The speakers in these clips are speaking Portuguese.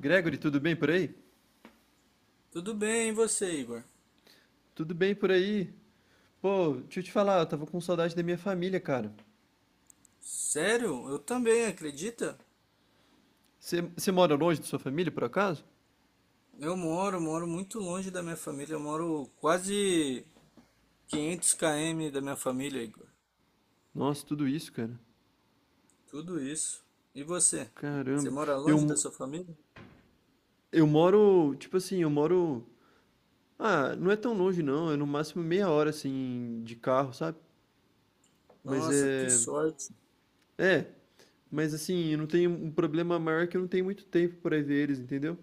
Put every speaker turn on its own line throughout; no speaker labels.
Gregory, tudo bem por aí?
Tudo bem, e você, Igor?
Tudo bem por aí. Pô, deixa eu te falar, eu tava com saudade da minha família, cara.
Sério? Eu também, acredita?
Você mora longe da sua família, por acaso?
Eu moro muito longe da minha família, eu moro quase 500 km da minha família, Igor.
Nossa, tudo isso, cara.
Tudo isso. E você? Você
Caramba.
mora
Eu,
longe da
mo-
sua família?
eu moro, tipo assim, eu moro. Ah, não é tão longe, não. É no máximo meia hora, assim, de carro, sabe? Mas
Nossa, que
é.
sorte.
É, mas assim, eu não tenho um problema maior é que eu não tenho muito tempo pra ver eles, entendeu?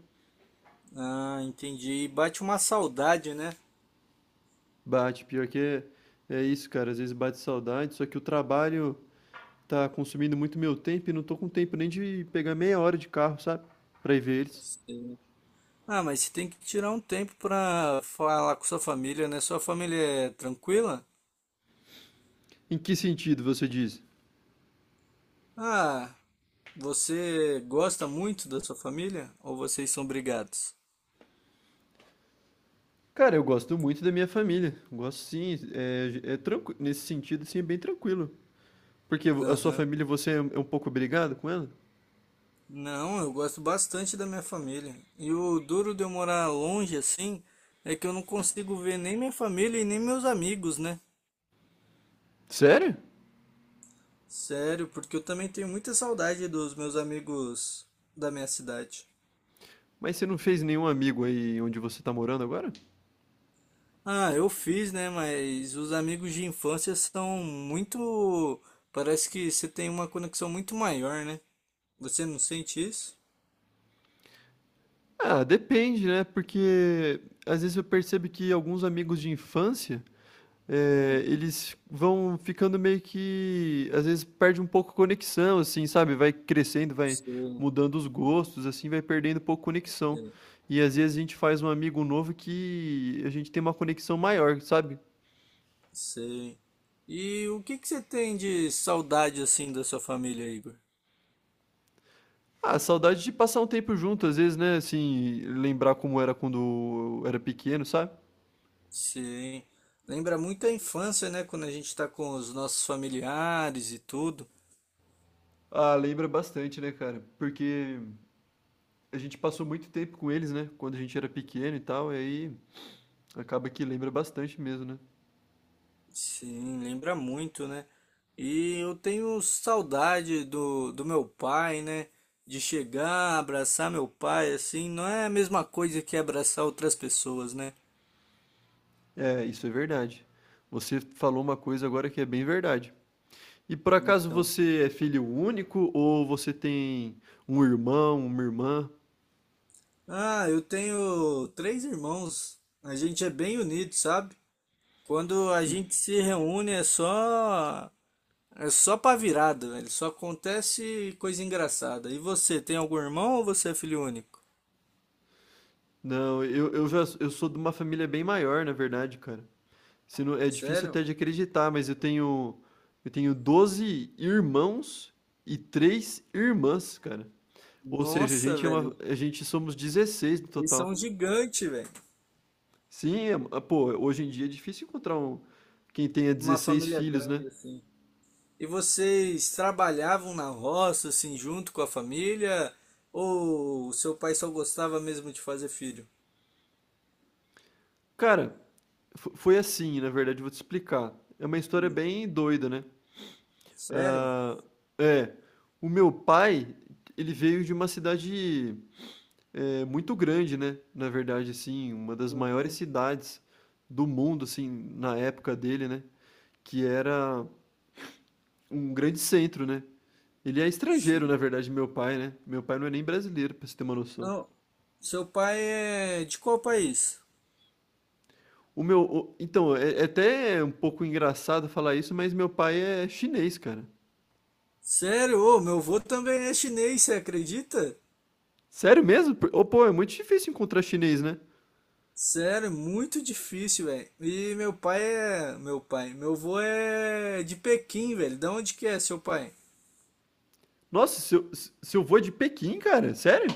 Ah, entendi. E bate uma saudade, né?
Bate, pior que é, é isso, cara. Às vezes bate saudade, só que o trabalho tá consumindo muito meu tempo e não tô com tempo nem de pegar meia hora de carro, sabe? Pra ir ver eles.
Sim. Ah, mas você tem que tirar um tempo pra falar com sua família, né? Sua família é tranquila?
Em que sentido você diz?
Ah, você gosta muito da sua família ou vocês são brigados?
Cara, eu gosto muito da minha família. Gosto sim, nesse sentido, sim, é bem tranquilo. Porque a sua
Aham.
família, você é um pouco brigado com ela?
Não, eu gosto bastante da minha família. E o duro de eu morar longe assim é que eu não consigo ver nem minha família e nem meus amigos, né?
Sério?
Sério, porque eu também tenho muita saudade dos meus amigos da minha cidade.
Mas você não fez nenhum amigo aí onde você tá morando agora?
Ah, eu fiz, né? Mas os amigos de infância são muito. Parece que você tem uma conexão muito maior, né? Você não sente isso?
Ah, depende, né? Porque às vezes eu percebo que alguns amigos de infância
Hum,
Eles vão ficando meio que às vezes perde um pouco a conexão, assim, sabe, vai crescendo, vai
sei,
mudando os gostos, assim, vai perdendo um pouco a conexão.
sei.
E às vezes a gente faz um amigo novo que a gente tem uma conexão maior, sabe?
Sei. E o que que você tem de saudade assim da sua família, Igor?
Ah, saudade de passar um tempo junto, às vezes, né, assim, lembrar como era quando eu era pequeno, sabe?
Sim. Lembra muito a infância, né? Quando a gente tá com os nossos familiares e tudo.
Ah, lembra bastante, né, cara? Porque a gente passou muito tempo com eles, né, quando a gente era pequeno e tal, e aí acaba que lembra bastante mesmo, né?
Sim, lembra muito, né? E eu tenho saudade do meu pai, né? De chegar, abraçar meu pai, assim, não é a mesma coisa que abraçar outras pessoas, né?
É, isso é verdade. Você falou uma coisa agora que é bem verdade. E por acaso
Então.
você é filho único ou você tem um irmão, uma irmã?
Ah, eu tenho três irmãos. A gente é bem unido, sabe? Quando a
E-
gente se reúne é só pra virada, velho. Só acontece coisa engraçada. E você, tem algum irmão ou você é filho único?
Não, eu já eu sou de uma família bem maior, na verdade, cara. Se não- É difícil
Sério?
até de acreditar, mas eu tenho 12 irmãos e três irmãs, cara. Ou seja,
Nossa, velho.
a gente somos 16 no
Vocês são
total.
gigante, velho.
Sim, pô, hoje em dia é difícil encontrar quem tenha
Uma
16
família
filhos, né?
grande assim. E vocês trabalhavam na roça assim junto com a família ou o seu pai só gostava mesmo de fazer filho?
Cara, foi assim, na verdade, vou te explicar. É uma história
Hum,
bem doida, né?
Sério?
Ah, é, o meu pai, ele veio de uma cidade muito grande, né? Na verdade, assim, uma das maiores
Uhum.
cidades do mundo, assim, na época dele, né? Que era um grande centro, né? Ele é estrangeiro,
Sim.
na verdade, meu pai, né? Meu pai não é nem brasileiro, pra você ter uma noção.
Não. Seu pai é de qual país?
Então, é até um pouco engraçado falar isso, mas meu pai é chinês, cara.
Sério, ô, meu avô também é chinês, você acredita?
Sério mesmo? Ô, pô, é muito difícil encontrar chinês, né?
Sério, muito difícil, velho. E meu pai é. Meu pai. Meu avô é de Pequim, velho. Da onde que é seu pai?
Nossa, seu vô é de Pequim, cara? Sério?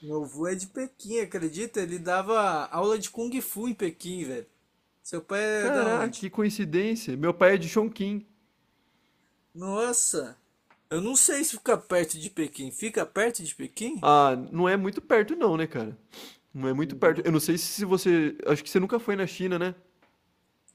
Meu avô é de Pequim, acredita? Ele dava aula de Kung Fu em Pequim, velho. Seu pai é da
Caraca,
onde?
que coincidência. Meu pai é de Chongqing.
Nossa! Eu não sei se fica perto de Pequim. Fica perto de Pequim?
Ah, não é muito perto não, né, cara? Não é muito perto.
Uhum.
Eu não sei se você... Acho que você nunca foi na China, né?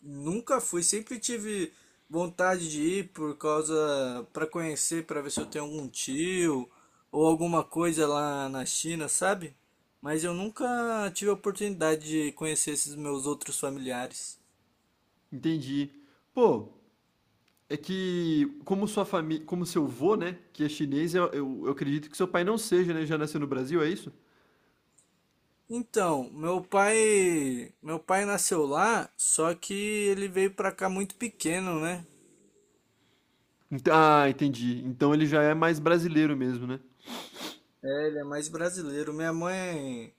Nunca fui, sempre tive vontade de ir por causa para conhecer, para ver se eu tenho algum tio ou alguma coisa lá na China, sabe? Mas eu nunca tive a oportunidade de conhecer esses meus outros familiares.
Entendi. Pô, é que como sua família... Como seu vô, né, que é chinês, eu acredito que seu pai não seja, né? Já nasceu no Brasil, é isso?
Então, meu pai nasceu lá, só que ele veio pra cá muito pequeno, né?
Ah, entendi. Então ele já é mais brasileiro mesmo, né?
É, ele é mais brasileiro. Minha mãe,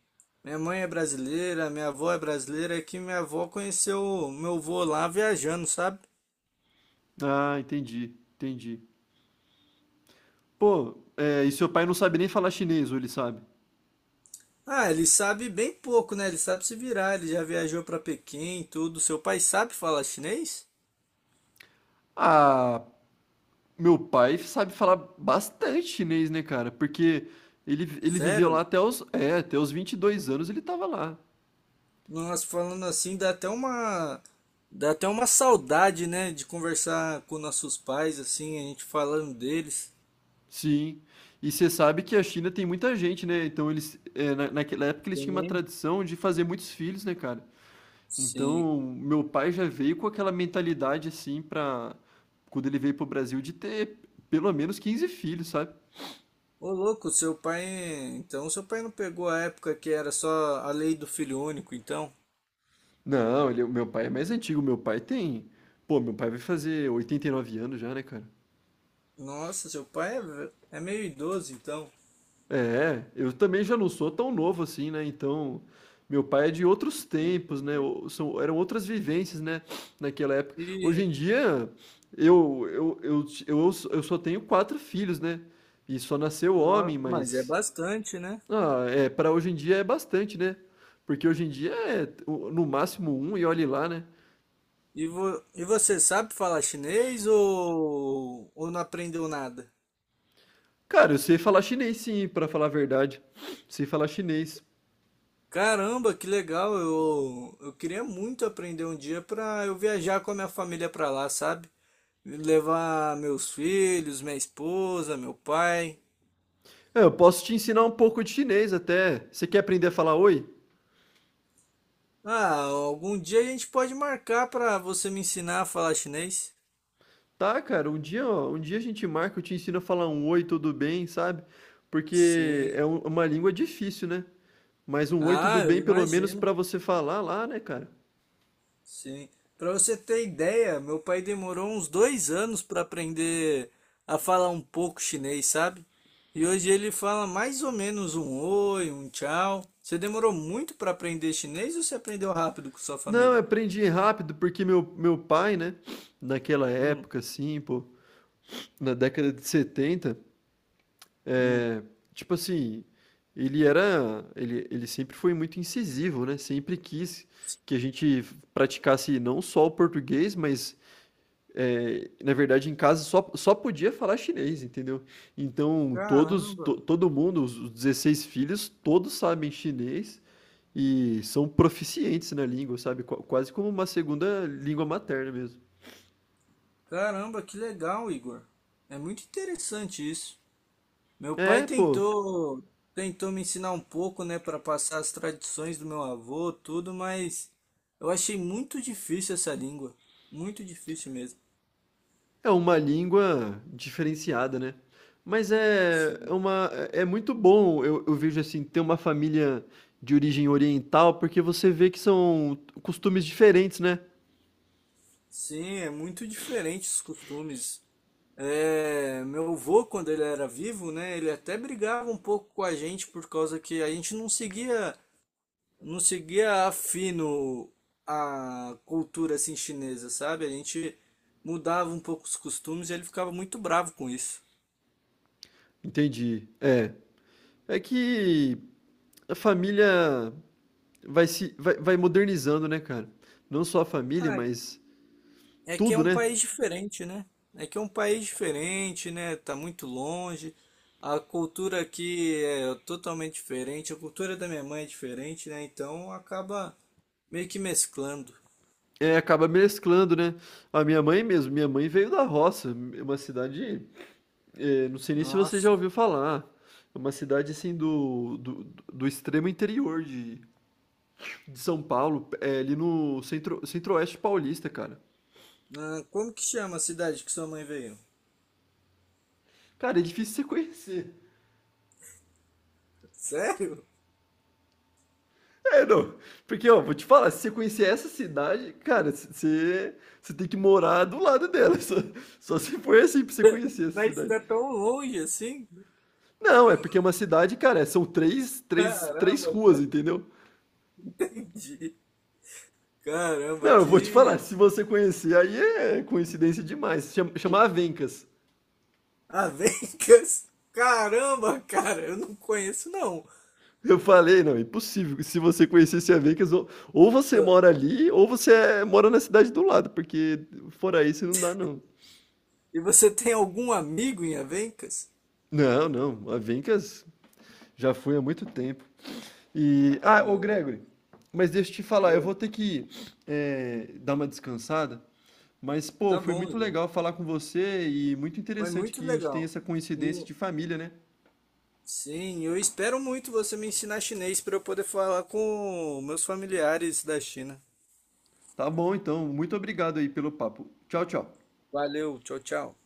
minha mãe é brasileira, minha avó é brasileira, é que minha avó conheceu meu avô lá viajando, sabe?
Ah, entendi. Entendi. Pô, é, e seu pai não sabe nem falar chinês, ou ele sabe?
Ah, ele sabe bem pouco, né? Ele sabe se virar, ele já viajou para Pequim, e tudo. Seu pai sabe falar chinês?
Ah, meu pai sabe falar bastante chinês, né, cara? Porque ele viveu lá
Sério?
até os 22 anos ele tava lá.
Nós falando assim dá até uma saudade, né, de conversar com nossos pais assim, a gente falando deles.
Sim. E você sabe que a China tem muita gente, né? Então eles, naquela época eles tinham uma
Sim.
tradição de fazer muitos filhos, né, cara?
Sim.
Então, meu pai já veio com aquela mentalidade assim quando ele veio pro Brasil de ter pelo menos 15 filhos, sabe?
Ô louco, seu pai, então seu pai não pegou a época que era só a lei do filho único, então?
Não, o meu pai é mais antigo. Meu pai tem. Pô, meu pai vai fazer 89 anos já, né, cara?
Nossa, seu pai é, é meio idoso, então.
É, eu também já não sou tão novo assim, né? Então, meu pai é de outros
Não
tempos, né?
entendi.
Eram outras vivências, né? Naquela época. Hoje
E,
em dia, eu só tenho quatro filhos, né? E só nasceu homem,
mas é
mas.
bastante, né?
Ah, é, para hoje em dia é bastante, né? Porque hoje em dia é no máximo um e olhe lá, né?
E, e você sabe falar chinês ou não aprendeu nada?
Cara, eu sei falar chinês sim, pra falar a verdade. Sei falar chinês.
Caramba, que legal! Eu queria muito aprender um dia para eu viajar com a minha família para lá, sabe? Levar meus filhos, minha esposa, meu pai.
É, eu posso te ensinar um pouco de chinês até. Você quer aprender a falar oi?
Ah, algum dia a gente pode marcar para você me ensinar a falar chinês?
Tá, cara, um dia, ó, um dia a gente marca, eu te ensino a falar um oi, tudo bem, sabe? Porque
Sim.
é uma língua difícil, né? Mas um oi, tudo
Ah, eu
bem, pelo menos pra
imagino.
você falar lá, né, cara?
Sim. Para você ter ideia, meu pai demorou uns 2 anos para aprender a falar um pouco chinês, sabe? E hoje ele fala mais ou menos um oi, um tchau. Você demorou muito para aprender chinês ou você aprendeu rápido com sua
Não, eu
família?
aprendi rápido porque meu pai, né, naquela
Hum,
época, assim, pô, na década de 70.
hum.
É, tipo assim, ele sempre foi muito incisivo, né? Sempre quis que a gente praticasse não só o português, mas é, na verdade em casa só podia falar chinês, entendeu? Então todos,
Caramba,
to- todo mundo, os 16 filhos, todos sabem chinês e são proficientes na língua, sabe? Quase como uma segunda língua materna mesmo.
caramba, que legal, Igor. É muito interessante isso. Meu pai
É, pô.
tentou tentou me ensinar um pouco, né, para passar as tradições do meu avô, tudo, mas eu achei muito difícil essa língua, muito difícil mesmo.
É uma língua diferenciada, né. Mas é é
Sim.
uma É muito bom, eu vejo, assim, ter uma família de origem oriental, porque você vê que são costumes diferentes, né.
Sim, é muito diferente os costumes. É, meu avô, quando ele era vivo, né, ele até brigava um pouco com a gente por causa que a gente não seguia a fino a cultura assim chinesa, sabe? A gente mudava um pouco os costumes e ele ficava muito bravo com isso.
Entendi. É. É que a família vai se vai vai modernizando, né, cara. Não só a família,
Ah,
mas
é que é
tudo,
um
né.
país diferente, né? É que é um país diferente, né? Tá muito longe. A cultura aqui é totalmente diferente. A cultura da minha mãe é diferente, né? Então acaba meio que mesclando.
É, acaba mesclando, né. A minha mãe mesmo, minha mãe veio da roça, uma cidade. É, não sei nem se você já
Nossa.
ouviu falar. É uma cidade assim do extremo interior de São Paulo, é ali no centro-oeste paulista, cara.
Ah, como que chama a cidade que sua mãe veio?
Cara, é difícil você conhecer.
Sério?
É, não. Porque, ó, vou te falar, se você conhecer essa cidade, cara, você tem que morar do lado dela. Só se for assim pra você conhecer essa
Mas
cidade.
tá tão longe assim?
Não, é porque é uma cidade, cara, são três
Caramba,
ruas,
cara.
entendeu?
Entendi. Caramba,
Não, eu vou te falar,
que.
se você conhecer, aí é coincidência demais. Chama Avencas.
Avencas! Caramba, cara, eu não conheço não.
Eu falei, não, impossível. Se você conhecesse a Vegas, ou, você mora ali, ou você mora na cidade do lado, porque fora isso não dá, não.
E você tem algum amigo em Avencas?
Não, não, a Vegas já fui há muito tempo. E, ah, ô
Ah,
Gregory, mas deixa eu te falar, eu
oi.
vou ter que dar uma descansada, mas, pô,
Tá
foi
bom,
muito
Igor.
legal falar com você e muito
Foi
interessante
muito
que a gente tem
legal.
essa coincidência
E
de família, né?
sim, eu espero muito você me ensinar chinês para eu poder falar com meus familiares da China.
Tá bom, então, muito obrigado aí pelo papo. Tchau, tchau.
Valeu, tchau, tchau.